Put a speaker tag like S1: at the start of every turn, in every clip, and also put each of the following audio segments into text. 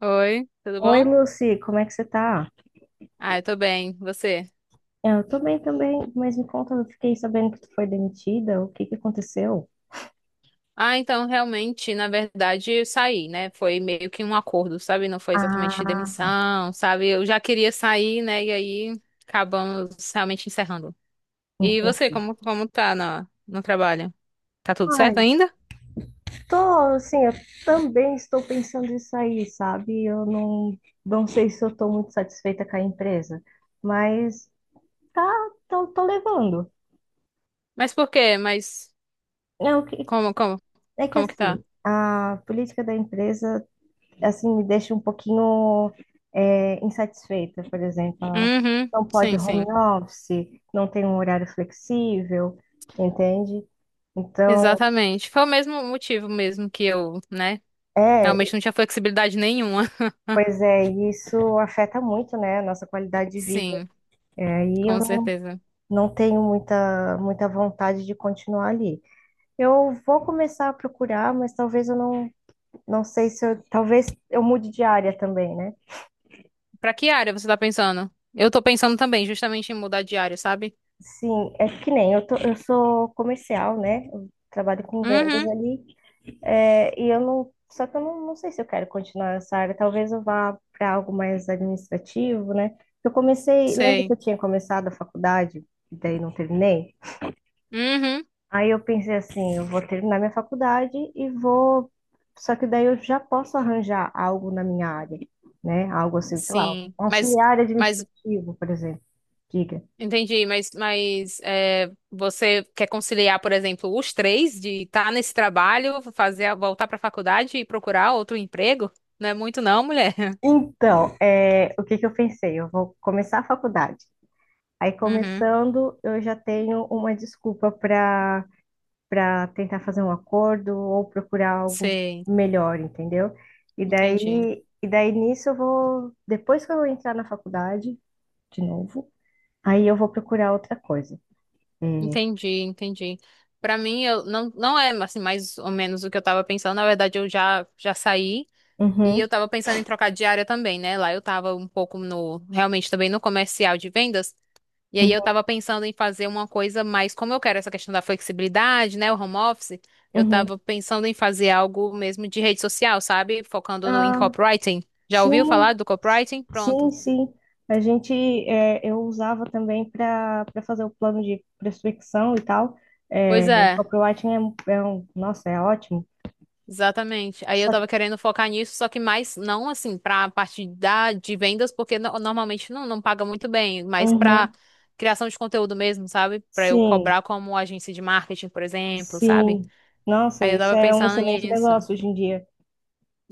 S1: Oi, tudo
S2: Oi,
S1: bom?
S2: Lucy, como é que você tá?
S1: Ah, eu tô bem, você?
S2: Eu tô bem também, mas me conta, eu fiquei sabendo que tu foi demitida, o que que aconteceu?
S1: Ah, então realmente, na verdade, eu saí, né? Foi meio que um acordo, sabe? Não foi exatamente
S2: Ah,
S1: demissão, sabe? Eu já queria sair, né? E aí acabamos realmente encerrando. E
S2: então.
S1: você, como tá no trabalho? Tá tudo certo
S2: Ai,
S1: ainda?
S2: tô assim, eu também estou pensando em sair, sabe? Eu não sei se eu tô muito satisfeita com a empresa, mas tá, tô levando.
S1: Mas por quê? Mas
S2: É, o que,
S1: como, como,
S2: é que
S1: como que tá?
S2: assim, a política da empresa assim, me deixa um pouquinho insatisfeita, por exemplo. Ah,
S1: Uhum,
S2: não pode
S1: sim,
S2: home
S1: sim.
S2: office, não tem um horário flexível, entende? Então,
S1: Exatamente. Foi o mesmo motivo mesmo que eu, né?
S2: é,
S1: Realmente não tinha flexibilidade nenhuma.
S2: pois é, e isso afeta muito, né, a nossa qualidade de vida.
S1: Sim,
S2: E aí eu
S1: com
S2: não,
S1: certeza.
S2: não tenho muita, muita vontade de continuar ali. Eu vou começar a procurar, mas talvez eu não sei se eu, talvez eu mude de área também, né?
S1: Pra que área você tá pensando? Eu tô pensando também, justamente em mudar de área, sabe?
S2: Sim, é que nem eu, eu sou comercial, né? Eu trabalho com vendas
S1: Uhum,
S2: ali. É, e eu não. Só que eu não sei se eu quero continuar nessa área. Talvez eu vá para algo mais administrativo, né? Eu comecei. Lembra que
S1: sei.
S2: eu tinha começado a faculdade e daí não terminei?
S1: Uhum,
S2: Aí eu pensei assim: eu vou terminar minha faculdade e vou. Só que daí eu já posso arranjar algo na minha área, né? Algo assim, sei lá,
S1: sim.
S2: um auxiliar
S1: Mas,
S2: administrativo, por exemplo.
S1: entendi, mas é, você quer conciliar, por exemplo, os três de estar nesse trabalho, fazer, voltar pra faculdade e procurar outro emprego? Não é muito não, mulher.
S2: Então, o que que eu pensei? Eu vou começar a faculdade. Aí,
S1: Uhum,
S2: começando, eu já tenho uma desculpa para tentar fazer um acordo ou procurar algo
S1: sei.
S2: melhor, entendeu? E
S1: Entendi.
S2: daí, e daí nisso eu vou, depois que eu entrar na faculdade, de novo, aí eu vou procurar outra coisa. É,
S1: Entendi, entendi. Pra mim, eu não é assim, mais ou menos o que eu tava pensando. Na verdade, eu já saí. E
S2: uhum,
S1: eu tava pensando em trocar de área também, né? Lá eu tava um pouco realmente também no comercial de vendas. E aí eu
S2: uhum,
S1: tava pensando em fazer uma coisa mais, como eu quero essa questão da flexibilidade, né? O home office, eu
S2: uhum.
S1: tava pensando em fazer algo mesmo de rede social, sabe? Focando no, em
S2: Ah,
S1: copywriting. Já ouviu falar
S2: sim,
S1: do copywriting? Pronto.
S2: sim, sim. A gente, eu usava também para fazer o plano de prospecção e tal.
S1: Pois
S2: É,
S1: é.
S2: copywriting é um, nossa, é ótimo.
S1: Exatamente. Aí eu
S2: Só,
S1: tava querendo focar nisso, só que mais não assim pra parte da de vendas, porque normalmente não paga muito bem, mas pra
S2: uhum,
S1: criação de conteúdo mesmo, sabe? Pra eu
S2: sim,
S1: cobrar como agência de marketing, por exemplo, sabe?
S2: sim. Nossa,
S1: Aí eu
S2: isso
S1: tava
S2: é um
S1: pensando
S2: excelente
S1: nisso.
S2: negócio hoje em dia.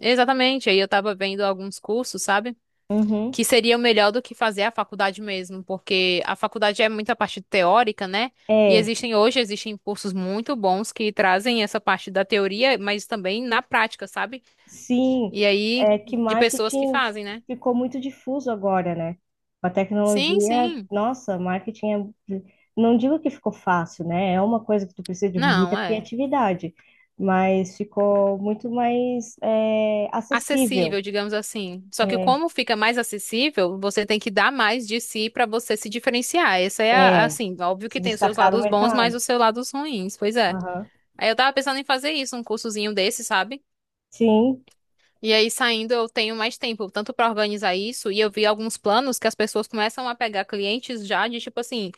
S1: Exatamente. Aí eu tava vendo alguns cursos, sabe?
S2: Uhum,
S1: Que seria melhor do que fazer a faculdade mesmo, porque a faculdade é muita parte teórica, né? E
S2: é.
S1: existem hoje existem cursos muito bons que trazem essa parte da teoria, mas também na prática, sabe?
S2: Sim,
S1: E aí,
S2: é que
S1: de pessoas que
S2: marketing
S1: fazem, né?
S2: ficou muito difuso agora, né? Com a
S1: Sim,
S2: tecnologia,
S1: sim.
S2: nossa, marketing não digo que ficou fácil, né? É uma coisa que tu precisa de muita
S1: Não, é
S2: criatividade, mas ficou muito mais acessível,
S1: acessível, digamos assim. Só que
S2: é,
S1: como fica mais acessível, você tem que dar mais de si para você se diferenciar. Essa é
S2: é,
S1: assim, óbvio
S2: se
S1: que tem os seus
S2: destacar no
S1: lados bons, mas
S2: mercado.
S1: os seus lados ruins, pois é.
S2: Aham.
S1: Aí eu tava pensando em fazer isso, um cursozinho desse, sabe?
S2: Sim,
S1: E aí saindo eu tenho mais tempo, tanto para organizar isso, e eu vi alguns planos que as pessoas começam a pegar clientes já de tipo assim,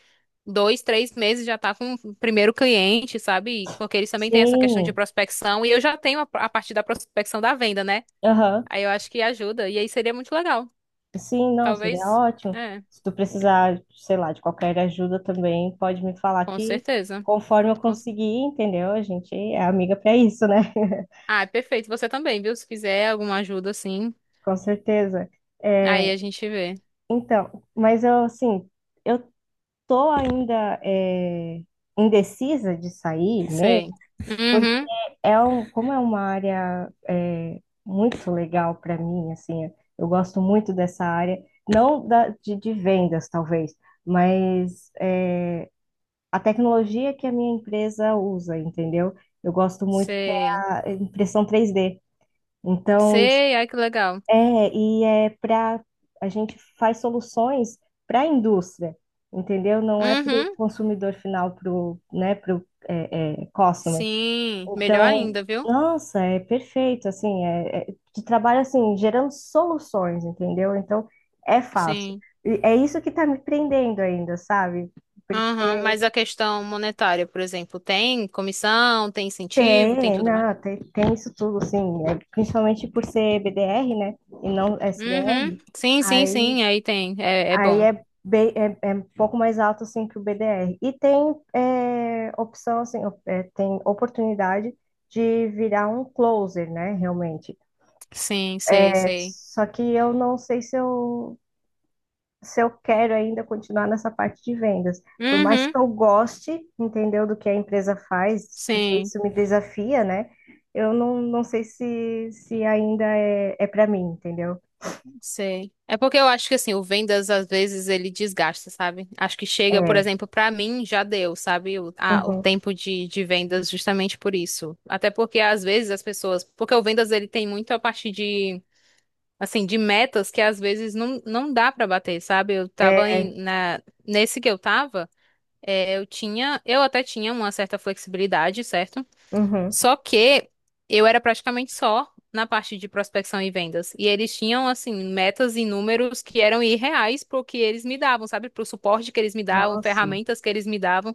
S1: dois, três meses já tá com o primeiro cliente, sabe? Porque eles também têm essa questão de
S2: sim,
S1: prospecção e eu já tenho a parte da prospecção da venda, né?
S2: aham.
S1: Aí eu acho que ajuda e aí seria muito legal.
S2: Sim, não, seria
S1: Talvez,
S2: ótimo.
S1: é,
S2: Se tu precisar, sei lá, de qualquer ajuda também, pode me falar
S1: com
S2: que
S1: certeza.
S2: conforme eu
S1: Com cer-
S2: conseguir, entendeu? A gente é amiga para isso, né?
S1: Ah, é perfeito. Você também, viu? Se quiser alguma ajuda, assim,
S2: Com certeza. É,
S1: aí a gente vê.
S2: então, mas eu, assim, eu tô ainda indecisa de sair mesmo,
S1: Sei.
S2: porque
S1: Uhum.
S2: como é uma área muito legal para mim, assim, eu gosto muito dessa área, não de vendas, talvez, mas a tecnologia que a minha empresa usa, entendeu? Eu gosto muito que
S1: Sei.
S2: é a impressão 3D. Então,
S1: Sei. Ai, que legal.
S2: e é para a gente faz soluções para a indústria, entendeu? Não é para o
S1: Uhum.
S2: consumidor final, para o, né, para o customer.
S1: Sim. Melhor
S2: Então,
S1: ainda, viu?
S2: nossa, é perfeito, assim, tu trabalha assim, gerando soluções, entendeu? Então, é fácil.
S1: Sim.
S2: E é isso que está me prendendo ainda, sabe?
S1: Aham, mas a questão monetária, por exemplo, tem comissão, tem incentivo, tem
S2: Tem,
S1: tudo mais?
S2: não, tem isso tudo, assim, principalmente por ser BDR, né, e não
S1: Uhum.
S2: SDR,
S1: Sim, sim,
S2: aí,
S1: sim, aí tem. É, é
S2: aí
S1: bom.
S2: bem, é um pouco mais alto, assim, que o BDR. E tem opção, assim, tem oportunidade de virar um closer, né, realmente.
S1: Sim, sei,
S2: É,
S1: sei.
S2: só que eu não sei se eu quero ainda continuar nessa parte de vendas. Por mais
S1: Uhum.
S2: que eu goste, entendeu, do que a empresa faz, porque
S1: Sim,
S2: isso me desafia, né? Eu não sei se ainda é para mim, entendeu?
S1: sei. É porque eu acho que assim, o vendas às vezes ele desgasta, sabe? Acho que chega, por
S2: É,
S1: exemplo, pra mim já deu, sabe? O
S2: uhum,
S1: tempo de vendas justamente por isso. Até porque às vezes as pessoas, porque o vendas ele tem muito a parte de assim, de metas que às vezes não dá pra bater, sabe? Eu tava
S2: é,
S1: nesse que eu tava, eu até tinha uma certa flexibilidade, certo?
S2: uhum.
S1: Só que eu era praticamente só na parte de prospecção e vendas. E eles tinham, assim, metas e números que eram irreais pro que eles me davam, sabe? Pro suporte que eles me davam,
S2: Nossa,
S1: ferramentas que eles me davam.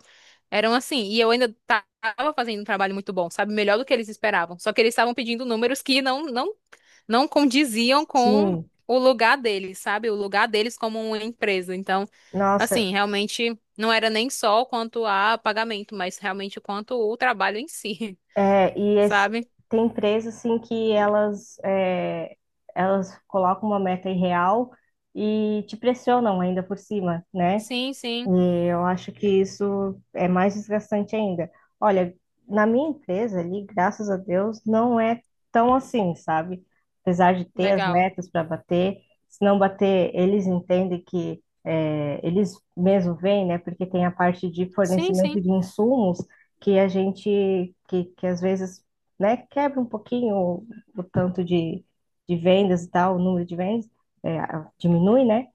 S1: Eram assim. E eu ainda tava fazendo um trabalho muito bom, sabe? Melhor do que eles esperavam. Só que eles estavam pedindo números que não condiziam com
S2: sim,
S1: o lugar deles, sabe? O lugar deles como uma empresa. Então,
S2: nossa,
S1: assim, realmente não era nem só quanto a pagamento, mas realmente quanto o trabalho em si.
S2: é, e esse,
S1: sabe?
S2: tem empresas, assim, que elas colocam uma meta irreal e te pressionam ainda por cima, né?
S1: Sim, sim,
S2: Eu acho que isso é mais desgastante ainda. Olha, na minha empresa ali, graças a Deus, não é tão assim, sabe? Apesar de ter as
S1: legal.
S2: metas para bater, se não bater, eles entendem que eles mesmo vêm, né? Porque tem a parte de
S1: Sim,
S2: fornecimento
S1: sim,
S2: de insumos que que às vezes, né, quebra um pouquinho o tanto de vendas e tal, o número de vendas, é, diminui, né?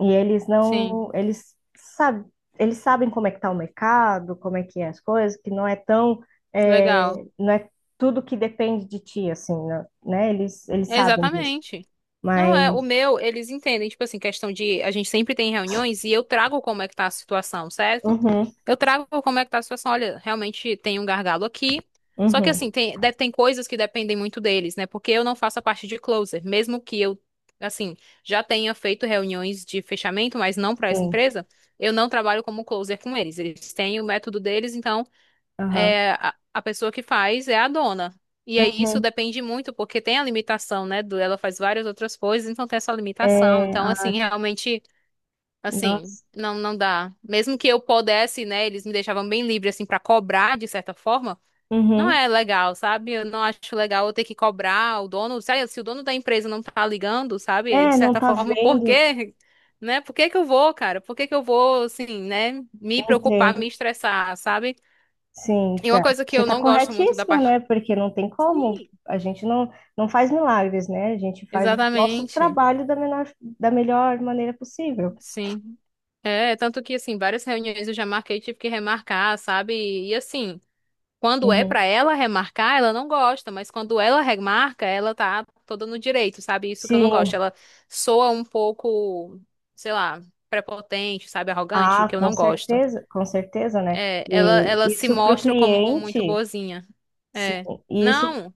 S2: E eles
S1: sim,
S2: não, eles sabem como é que está o mercado, como é que é as coisas, que não é tão, é,
S1: legal.
S2: não é tudo que depende de ti, assim, né? Eles sabem disso.
S1: Exatamente. Não é, o
S2: Mas,
S1: meu, eles entendem, tipo assim, questão de a gente sempre tem reuniões e eu trago como é que tá a situação, certo?
S2: uhum,
S1: Eu trago como é que tá a situação. Olha, realmente tem um gargalo aqui. Só que
S2: uhum,
S1: assim, tem coisas que dependem muito deles, né? Porque eu não faço a parte de closer, mesmo que eu, assim, já tenha feito reuniões de fechamento, mas não para essa
S2: sim,
S1: empresa, eu não trabalho como closer com eles. Eles têm o método deles, então
S2: aham,
S1: a pessoa que faz é a dona. E aí isso
S2: uhum,
S1: depende muito, porque tem a limitação, né? Ela faz várias outras coisas, então tem essa limitação.
S2: é,
S1: Então, assim,
S2: ah,
S1: realmente, assim,
S2: nossa,
S1: não dá. Mesmo que eu pudesse, né? Eles me deixavam bem livre, assim, pra cobrar, de certa forma. Não
S2: uhum.
S1: é legal, sabe? Eu não acho legal eu ter que cobrar o dono. Se o dono da empresa não tá ligando, sabe? De
S2: É, não
S1: certa
S2: tá
S1: forma, por
S2: vendo,
S1: quê? Né? Por que que eu vou, cara? Por que que eu vou, assim, né? Me preocupar, me
S2: entendo,
S1: estressar, sabe?
S2: sim,
S1: E
S2: tá.
S1: uma coisa que
S2: Você
S1: eu
S2: tá
S1: não gosto muito da
S2: corretíssima, né?
S1: parte.
S2: Porque não tem como,
S1: Sim.
S2: a gente não faz milagres, né? A gente faz o nosso
S1: Exatamente,
S2: trabalho da menor, da melhor maneira possível.
S1: sim. É, tanto que, assim, várias reuniões eu já marquei, tive que remarcar, sabe? E, assim, quando é
S2: Uhum.
S1: pra ela remarcar, ela não gosta, mas quando ela remarca, ela tá toda no direito, sabe? Isso que eu não gosto.
S2: Sim,
S1: Ela soa um pouco, sei lá, prepotente, sabe? Arrogante,
S2: ah,
S1: que eu não gosto.
S2: com certeza, né?
S1: É, ela,
S2: E
S1: ela se
S2: isso para o
S1: mostra como muito
S2: cliente,
S1: boazinha.
S2: sim,
S1: É.
S2: e isso,
S1: Não,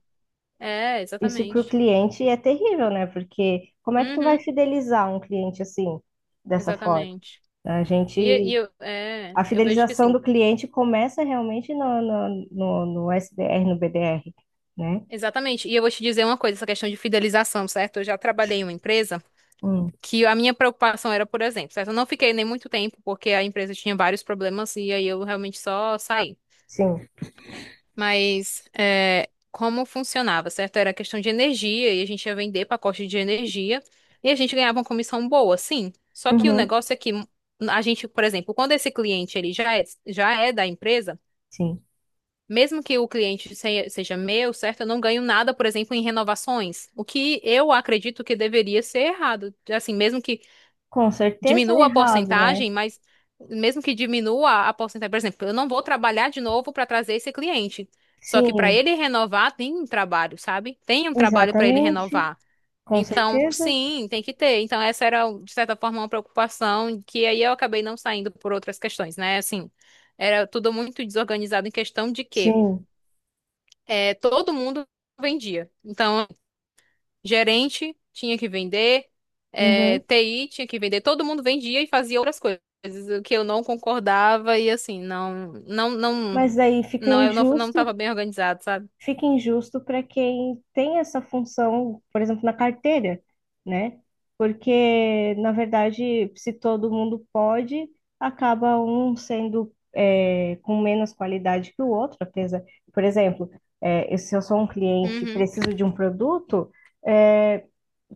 S1: é,
S2: isso para o
S1: exatamente.
S2: cliente é terrível, né? Porque como é que tu vai
S1: Uhum,
S2: fidelizar um cliente assim, dessa forma?
S1: exatamente.
S2: A gente,
S1: E, e eu, é,
S2: a
S1: eu vejo que
S2: fidelização
S1: assim,
S2: do cliente começa realmente no SDR, no BDR, né?
S1: exatamente. E eu vou te dizer uma coisa, essa questão de fidelização, certo? Eu já trabalhei em uma empresa
S2: Hum,
S1: que a minha preocupação era, por exemplo, certo? Eu não fiquei nem muito tempo porque a empresa tinha vários problemas e aí eu realmente só saí.
S2: sim,
S1: Mas é, como funcionava, certo? Era questão de energia e a gente ia vender pacote de energia e a gente ganhava uma comissão boa, sim. Só que o
S2: uhum,
S1: negócio é que a gente, por exemplo, quando esse cliente ele já é da empresa
S2: sim.
S1: Mesmo que o cliente seja meu, certo? Eu não ganho nada, por exemplo, em renovações. O que eu acredito que deveria ser errado. Assim, mesmo que
S2: Com certeza é
S1: diminua a
S2: errado, né?
S1: porcentagem, mas mesmo que diminua a porcentagem, por exemplo, eu não vou trabalhar de novo para trazer esse cliente. Só que para
S2: Sim,
S1: ele renovar, tem um trabalho, sabe? Tem um trabalho para ele
S2: exatamente,
S1: renovar.
S2: com
S1: Então,
S2: certeza,
S1: sim, tem que ter. Então, essa era, de certa forma, uma preocupação que aí eu acabei não saindo por outras questões, né? Assim, era tudo muito desorganizado em questão de quê?
S2: sim.
S1: Todo mundo vendia. Então, gerente tinha que vender,
S2: Uhum.
S1: TI tinha que vender, todo mundo vendia e fazia outras coisas, o que eu não concordava e assim,
S2: Mas aí
S1: não, eu não estava bem organizado, sabe?
S2: fica injusto para quem tem essa função, por exemplo, na carteira, né? Porque, na verdade, se todo mundo pode, acaba um sendo com menos qualidade que o outro, apesar, por exemplo, se eu sou um cliente e
S1: Uhum.
S2: preciso de um produto, é,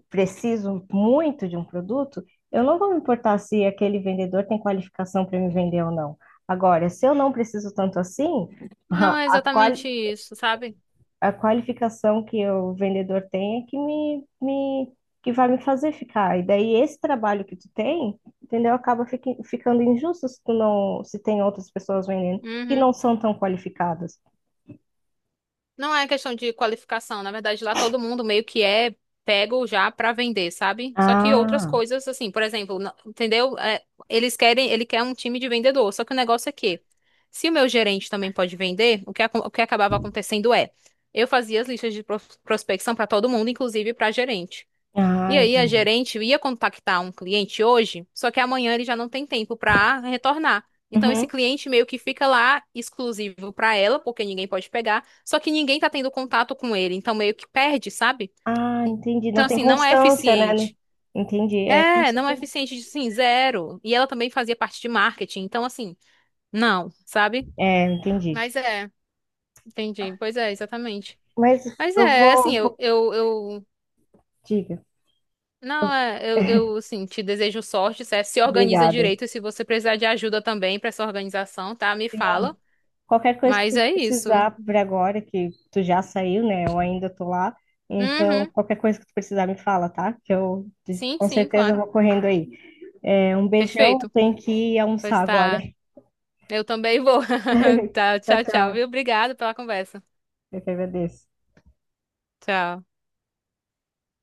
S2: preciso muito de um produto, eu não vou me importar se aquele vendedor tem qualificação para me vender ou não. Agora, se eu não preciso tanto assim,
S1: Não é
S2: a, quali-
S1: exatamente isso, sabe?
S2: a qualificação que o vendedor tem é que que vai me fazer ficar. E daí esse trabalho que tu tem, entendeu? Acaba ficando injusto se tu não, se tem outras pessoas vendendo que
S1: Uhum.
S2: não são tão qualificadas.
S1: Não é questão de qualificação, na verdade lá todo mundo meio que é pego já pra vender, sabe? Só que outras
S2: Ah,
S1: coisas assim, por exemplo, entendeu? É, ele quer um time de vendedor, só que o negócio é que se o meu gerente também pode vender, o que acabava acontecendo eu fazia as listas de prospecção pra todo mundo, inclusive pra gerente.
S2: ah,
S1: E aí a
S2: entendi.
S1: gerente ia contactar um cliente hoje, só que amanhã ele já não tem tempo para retornar. Então esse
S2: Uhum.
S1: cliente meio que fica lá exclusivo para ela, porque ninguém pode pegar, só que ninguém tá tendo contato com ele, então meio que perde, sabe?
S2: Ah, entendi.
S1: Então
S2: Não tem
S1: assim, não é
S2: constância, né?
S1: eficiente.
S2: Entendi. É, com
S1: É, não é
S2: certeza.
S1: eficiente, assim zero. E ela também fazia parte de marketing, então assim, não, sabe?
S2: É, entendi.
S1: Mas é, entendi. Pois é, exatamente.
S2: Mas
S1: Mas
S2: eu
S1: é,
S2: vou,
S1: assim,
S2: vou-
S1: eu
S2: diga.
S1: Não,
S2: Eu-
S1: eu assim, te desejo sorte, certo? Se organiza
S2: Obrigada.
S1: direito e se você precisar de ajuda também pra essa organização, tá? Me fala.
S2: Qualquer coisa que
S1: Mas
S2: tu
S1: é isso.
S2: precisar por agora, que tu já saiu, né? Eu ainda tô lá. Então,
S1: Uhum.
S2: qualquer coisa que tu precisar, me fala, tá? Que eu
S1: Sim,
S2: com
S1: sim,
S2: certeza
S1: claro.
S2: vou correndo aí. É, um beijão, eu
S1: Perfeito.
S2: tenho que ir almoçar
S1: Pois
S2: agora.
S1: tá. Eu também vou. Tá,
S2: Tchau,
S1: tchau, tchau,
S2: tchau.
S1: viu? Obrigado pela conversa.
S2: Eu que agradeço.
S1: Tchau.